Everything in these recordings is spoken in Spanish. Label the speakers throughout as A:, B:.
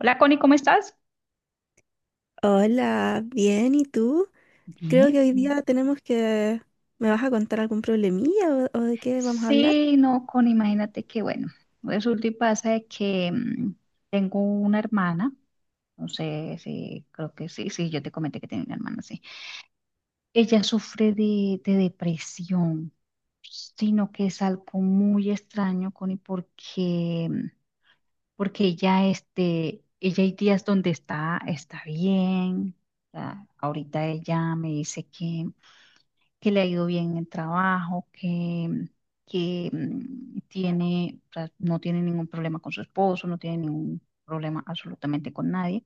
A: Hola Connie, ¿cómo estás?
B: Hola, bien, ¿y tú? Creo
A: Bien,
B: que hoy
A: bien.
B: día tenemos que... ¿Me vas a contar algún problemilla o de qué vamos a hablar?
A: Sí, no, Connie, imagínate que bueno, resulta y pasa de que tengo una hermana, no sé si, creo que sí, sí, yo te comenté que tengo una hermana, sí. Ella sufre de depresión, sino que es algo muy extraño, Connie, porque, porque ella, este, ella hay días donde está bien, o sea, ahorita ella me dice que le ha ido bien en el trabajo, que tiene, o sea, no tiene ningún problema con su esposo, no tiene ningún problema absolutamente con nadie,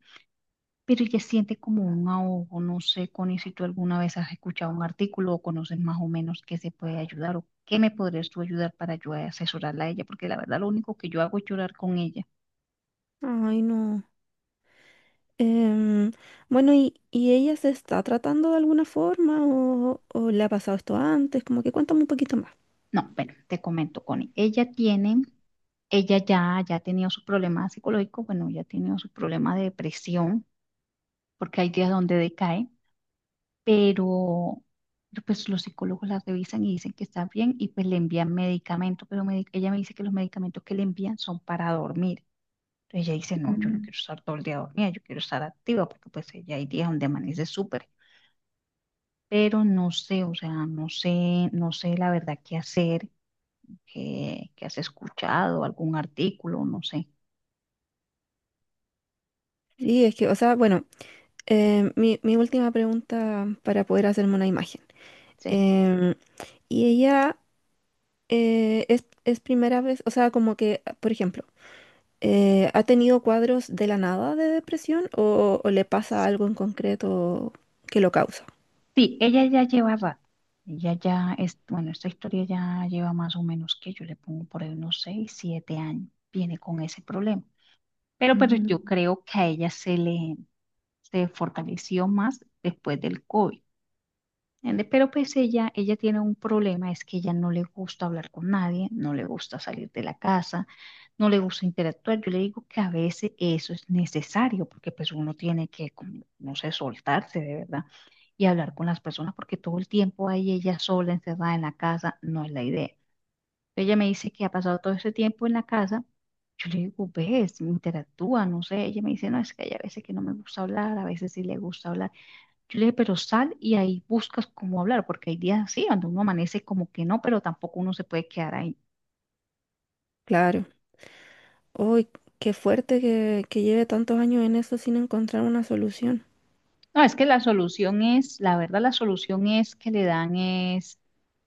A: pero ella siente como un ahogo, no sé, Connie, si tú alguna vez has escuchado un artículo o conoces más o menos qué se puede ayudar o qué me podrías tú ayudar para yo asesorarla a ella, porque la verdad lo único que yo hago es llorar con ella.
B: Ay, no. Em, bueno, ¿y ella se está tratando de alguna forma o le ha pasado esto antes? Como que cuéntame un poquito más.
A: No, bueno, te comento, Connie, ella tiene... Ella ya ha tenido sus problemas psicológicos, bueno, ya ha tenido sus problemas de depresión, porque hay días donde decae, pero pues los psicólogos la revisan y dicen que está bien y pues le envían medicamento, pero ella me dice que los medicamentos que le envían son para dormir. Entonces ella dice, no, yo no
B: Mm.
A: quiero estar todo el día dormida, yo quiero estar activa, porque pues ella hay días donde amanece súper, pero no sé, o sea, no sé, no sé la verdad qué hacer, qué has escuchado, algún artículo, no sé,
B: Sí, es que, o sea, bueno, mi última pregunta para poder hacerme una imagen.
A: sí.
B: Em, y ella es primera vez, o sea, como que, por ejemplo, ¿ha tenido cuadros de la nada de depresión o le pasa algo en concreto que lo causa?
A: Sí, ella ya lleva rato. Ella ya es, bueno, esta historia ya lleva más o menos que yo le pongo por ahí unos 6, 7 años. Viene con ese problema. Pero yo
B: Ujú.
A: creo que a ella se fortaleció más después del COVID. ¿Entiendes? Pero pues ella tiene un problema, es que ella no le gusta hablar con nadie, no le gusta salir de la casa, no le gusta interactuar. Yo le digo que a veces eso es necesario, porque pues uno tiene que, como, no sé, soltarse de verdad y hablar con las personas, porque todo el tiempo ahí ella sola, encerrada en la casa, no es la idea. Ella me dice que ha pasado todo ese tiempo en la casa. Yo le digo, ves, interactúa, no sé. Ella me dice, no, es que hay a veces que no me gusta hablar, a veces sí le gusta hablar. Yo le dije, pero sal y ahí buscas cómo hablar, porque hay días así, cuando uno amanece como que no, pero tampoco uno se puede quedar ahí.
B: Claro. Uy, qué fuerte que lleve tantos años en eso sin encontrar una solución.
A: No, es que la solución es, la verdad, la solución es que le dan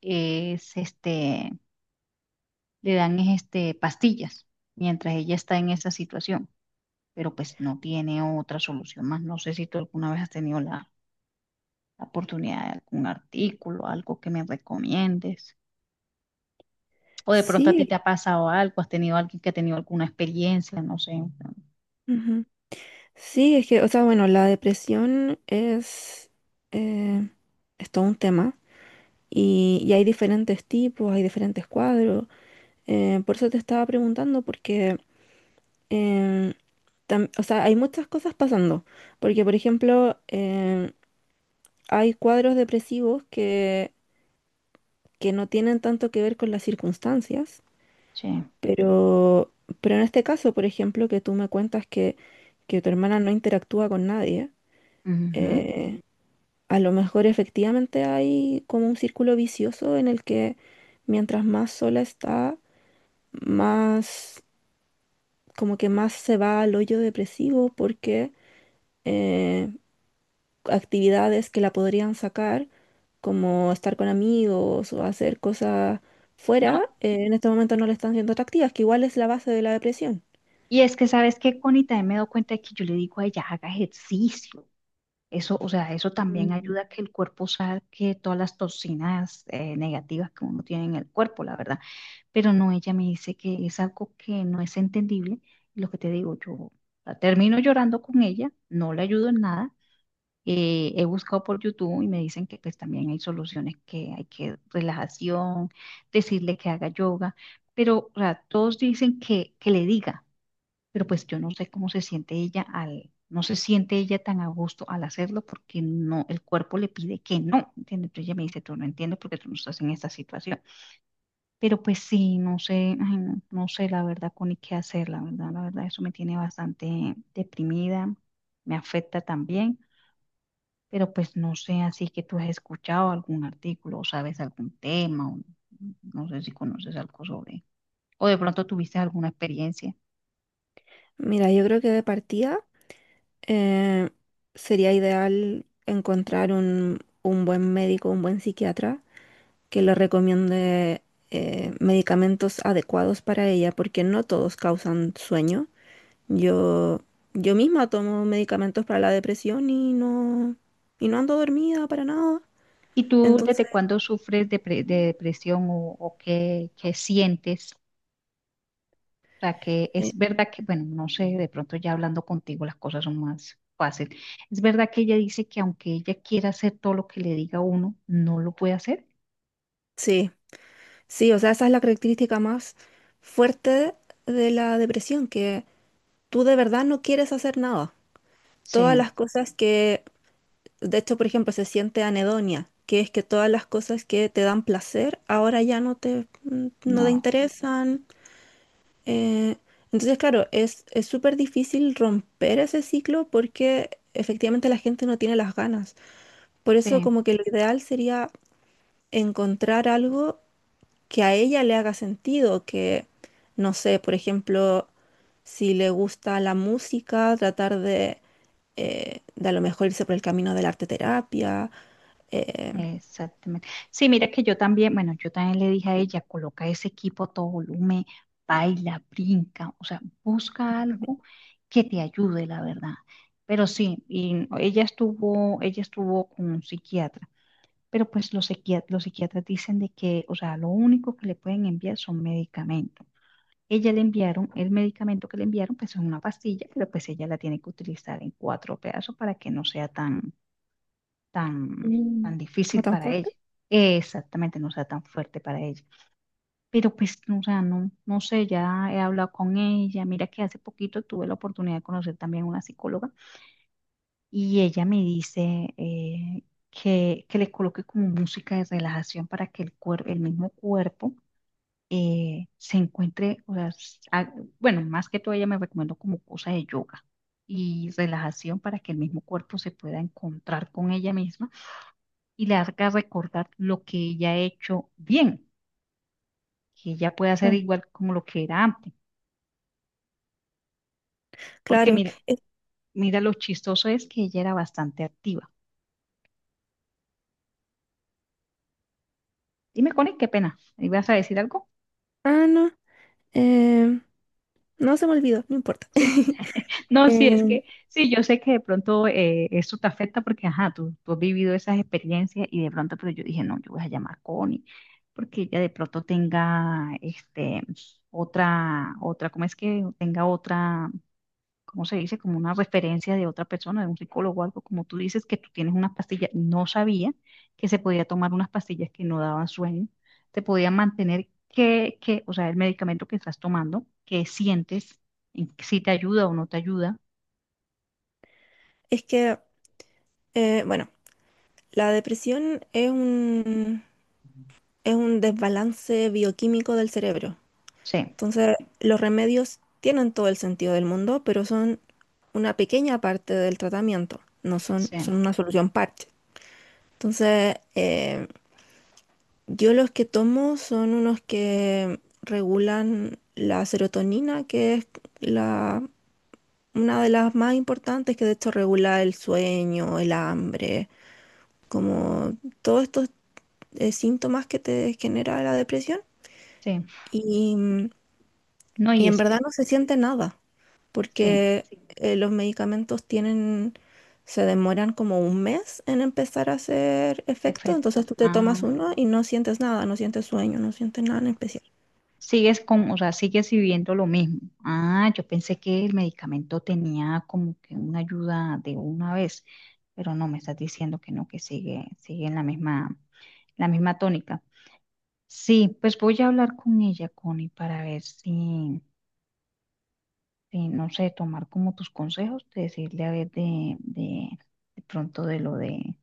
A: es este, le dan es este, pastillas mientras ella está en esa situación, pero pues no tiene otra solución más. No sé si tú alguna vez has tenido la oportunidad de algún artículo, algo que me recomiendes, o de pronto a ti
B: Sí,
A: te ha pasado algo, has tenido alguien que ha tenido alguna experiencia, no sé.
B: ujú. Sí, es que, o sea, bueno, la depresión eh, es todo un tema y hay diferentes tipos, hay diferentes cuadros. Por eso te estaba preguntando, porque em, tam- o sea, hay muchas cosas pasando, porque por ejemplo, hay cuadros depresivos que no tienen tanto que ver con las circunstancias,
A: Sí.
B: pero, pero en este caso, por ejemplo, que tú me cuentas que tu hermana no interactúa con nadie.
A: Ujú.
B: Eh, a lo mejor efectivamente hay como un círculo vicioso en el que mientras más sola está, más, como que más se va al hoyo depresivo porque... eh, actividades que la podrían sacar, como estar con amigos o hacer cosas fuera,
A: No,
B: en este momento no le están siendo atractivas, que igual es la base de la depresión.
A: y es que sabes que Connie también me doy cuenta de que yo le digo a ella, haga ejercicio. Eso, o sea, eso también
B: Mm.
A: ayuda a que el cuerpo saque todas las toxinas negativas que uno tiene en el cuerpo, la verdad. Pero no, ella me dice que es algo que no es entendible. Y lo que te digo, yo la termino llorando con ella, no le ayudo en nada. He buscado por YouTube y me dicen que pues también hay soluciones que hay que relajación, decirle que haga yoga, pero o sea, todos dicen que le diga. Pero pues yo no sé cómo se siente ella al, no se siente ella tan a gusto al hacerlo porque no, el cuerpo le pide que no, ¿entiendes? Entonces ella me dice, tú no entiendes porque tú no estás en esta situación. Pero pues sí, no sé, ay, no, no sé la verdad con qué hacer, la verdad, eso me tiene bastante deprimida, me afecta también, pero pues no sé, así que tú has escuchado algún artículo o sabes algún tema, o no sé si conoces algo sobre, o de pronto tuviste alguna experiencia.
B: Mira, yo creo que de partida eh, sería ideal encontrar un buen médico, un buen psiquiatra que le recomiende medicamentos adecuados para ella, porque no todos causan sueño. Yo, yo misma tomo medicamentos para la depresión y no ando dormida para nada.
A: ¿Y tú
B: Entonces,
A: desde cuándo sufres de, de depresión o qué, qué sientes? O sea, que es verdad que, bueno, no sé, de pronto ya hablando contigo las cosas son más fáciles. Es verdad que ella dice que aunque ella quiera hacer todo lo que le diga uno, no lo puede hacer.
B: sí, sí, o sea, esa es la característica más fuerte de la depresión, que tú de verdad no quieres hacer nada. Todas
A: Sí,
B: las cosas que, de hecho, por ejemplo, se siente anedonia, que es que todas las cosas que te dan placer ahora ya no te, no te
A: no,
B: interesan. Eh, entonces, claro, es súper difícil romper ese ciclo porque efectivamente la gente no tiene las ganas. Por eso
A: sí.
B: como que lo ideal sería encontrar algo que a ella le haga sentido, que, no sé, por ejemplo, si le gusta la música, tratar de a lo mejor irse por el camino de la arte terapia. Eh.
A: Exactamente. Sí, mira que yo también, bueno, yo también le dije a ella, coloca ese equipo a todo volumen, baila, brinca, o sea, busca algo que te ayude, la verdad. Pero sí, y ella estuvo con un psiquiatra, pero pues los los psiquiatras dicen de que, o sea, lo único que le pueden enviar son medicamentos. Ella le enviaron, el medicamento que le enviaron, pues es una pastilla, pero pues ella la tiene que utilizar en cuatro pedazos para que no sea tan,
B: Mm.
A: tan
B: No
A: difícil
B: tan
A: para
B: fuerte.
A: ella. Exactamente, no sea tan fuerte para ella. Pero pues, no, o sea, no, no sé, ya he hablado con ella. Mira que hace poquito tuve la oportunidad de conocer también a una psicóloga y ella me dice que le coloque como música de relajación para que el mismo cuerpo se encuentre, o sea, bueno, más que todo ella me recomendó como cosa de yoga y relajación para que el mismo cuerpo se pueda encontrar con ella misma y le haga recordar lo que ella ha hecho bien, que ella puede hacer igual como lo que era antes. Porque
B: Claro,
A: mire,
B: es-
A: mira lo chistoso es que ella era bastante activa. Dime, Connie, qué pena. ¿Ibas a decir algo?
B: ah, no, eh, no se me olvidó, no importa.
A: Sí. No, sí, es
B: Eh.
A: que sí, yo sé que de pronto esto te afecta porque, ajá, tú has vivido esas experiencias y de pronto, pero yo dije, no, yo voy a llamar a Connie porque ella de pronto tenga, este, otra, ¿cómo es que tenga otra? ¿Cómo se dice? Como una referencia de otra persona, de un psicólogo o algo, como tú dices que tú tienes unas pastillas, no sabía que se podía tomar unas pastillas que no daban sueño, te podían mantener o sea, el medicamento que estás tomando, que sientes, si te ayuda o no te ayuda.
B: Es que, bueno, la depresión es es un desbalance bioquímico del cerebro.
A: Sí,
B: Entonces, los remedios tienen todo el sentido del mundo, pero son una pequeña parte del tratamiento, no son,
A: sí,
B: son una solución parche. Entonces, yo los que tomo son unos que regulan la serotonina, que es la, una de las más importantes, que de hecho regula el sueño, el hambre, como todos estos síntomas que te genera la depresión
A: sí.
B: y, mm,
A: No, y
B: y en
A: es
B: verdad
A: que,
B: no se siente nada,
A: sí,
B: porque los medicamentos tienen, se demoran como un mes en empezar a hacer efecto, entonces
A: efecto.
B: tú te
A: Ah.
B: tomas uno y no sientes nada, no sientes sueño, no sientes nada en especial.
A: Sigues con, o sea, sigues viviendo lo mismo. Ah, yo pensé que el medicamento tenía como que una ayuda de una vez, pero no, me estás diciendo que no, que sigue, sigue en la misma tónica. Sí, pues voy a hablar con ella, Connie, para ver si, si, no sé, tomar como tus consejos, de decirle a ver de pronto de lo de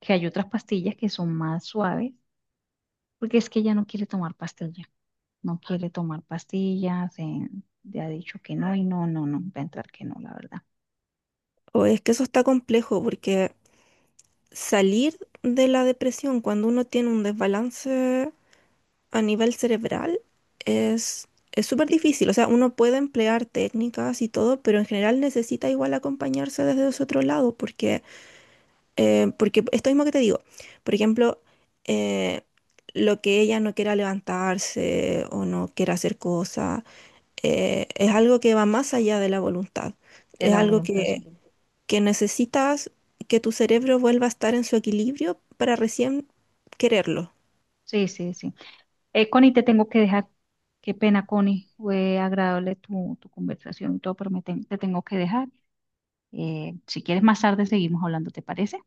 A: que hay otras pastillas que son más suaves, porque es que ella no quiere tomar pastillas. No quiere tomar pastillas, le ha dicho que no y no, no, no, va a entrar que no, la verdad.
B: O es que eso está complejo porque salir de la depresión cuando uno tiene un desbalance a nivel cerebral es es súper
A: Sí,
B: difícil. O sea, uno puede emplear técnicas y todo, pero en general necesita igual acompañarse desde ese otro lado, porque, porque esto mismo que te digo, por ejemplo, eh, lo que ella no quiera levantarse o no quiera hacer cosas, es algo que va más allá de la voluntad.
A: de
B: Es
A: la
B: algo
A: voluntad, sí.
B: que necesitas que tu cerebro vuelva a estar en su equilibrio para recién quererlo.
A: Sí, sí, sí. Connie, te tengo que dejar. Qué pena, Connie. Fue agradable tu conversación y todo, pero te tengo que dejar. Si quieres más tarde seguimos hablando, ¿te parece?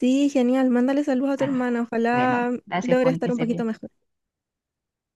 B: Sí, genial. Mándale saludos a tu
A: Bueno,
B: hermana.
A: bueno,
B: Ojalá
A: gracias,
B: logre
A: Connie, que
B: estar un
A: estés
B: poquito
A: bien.
B: mejor.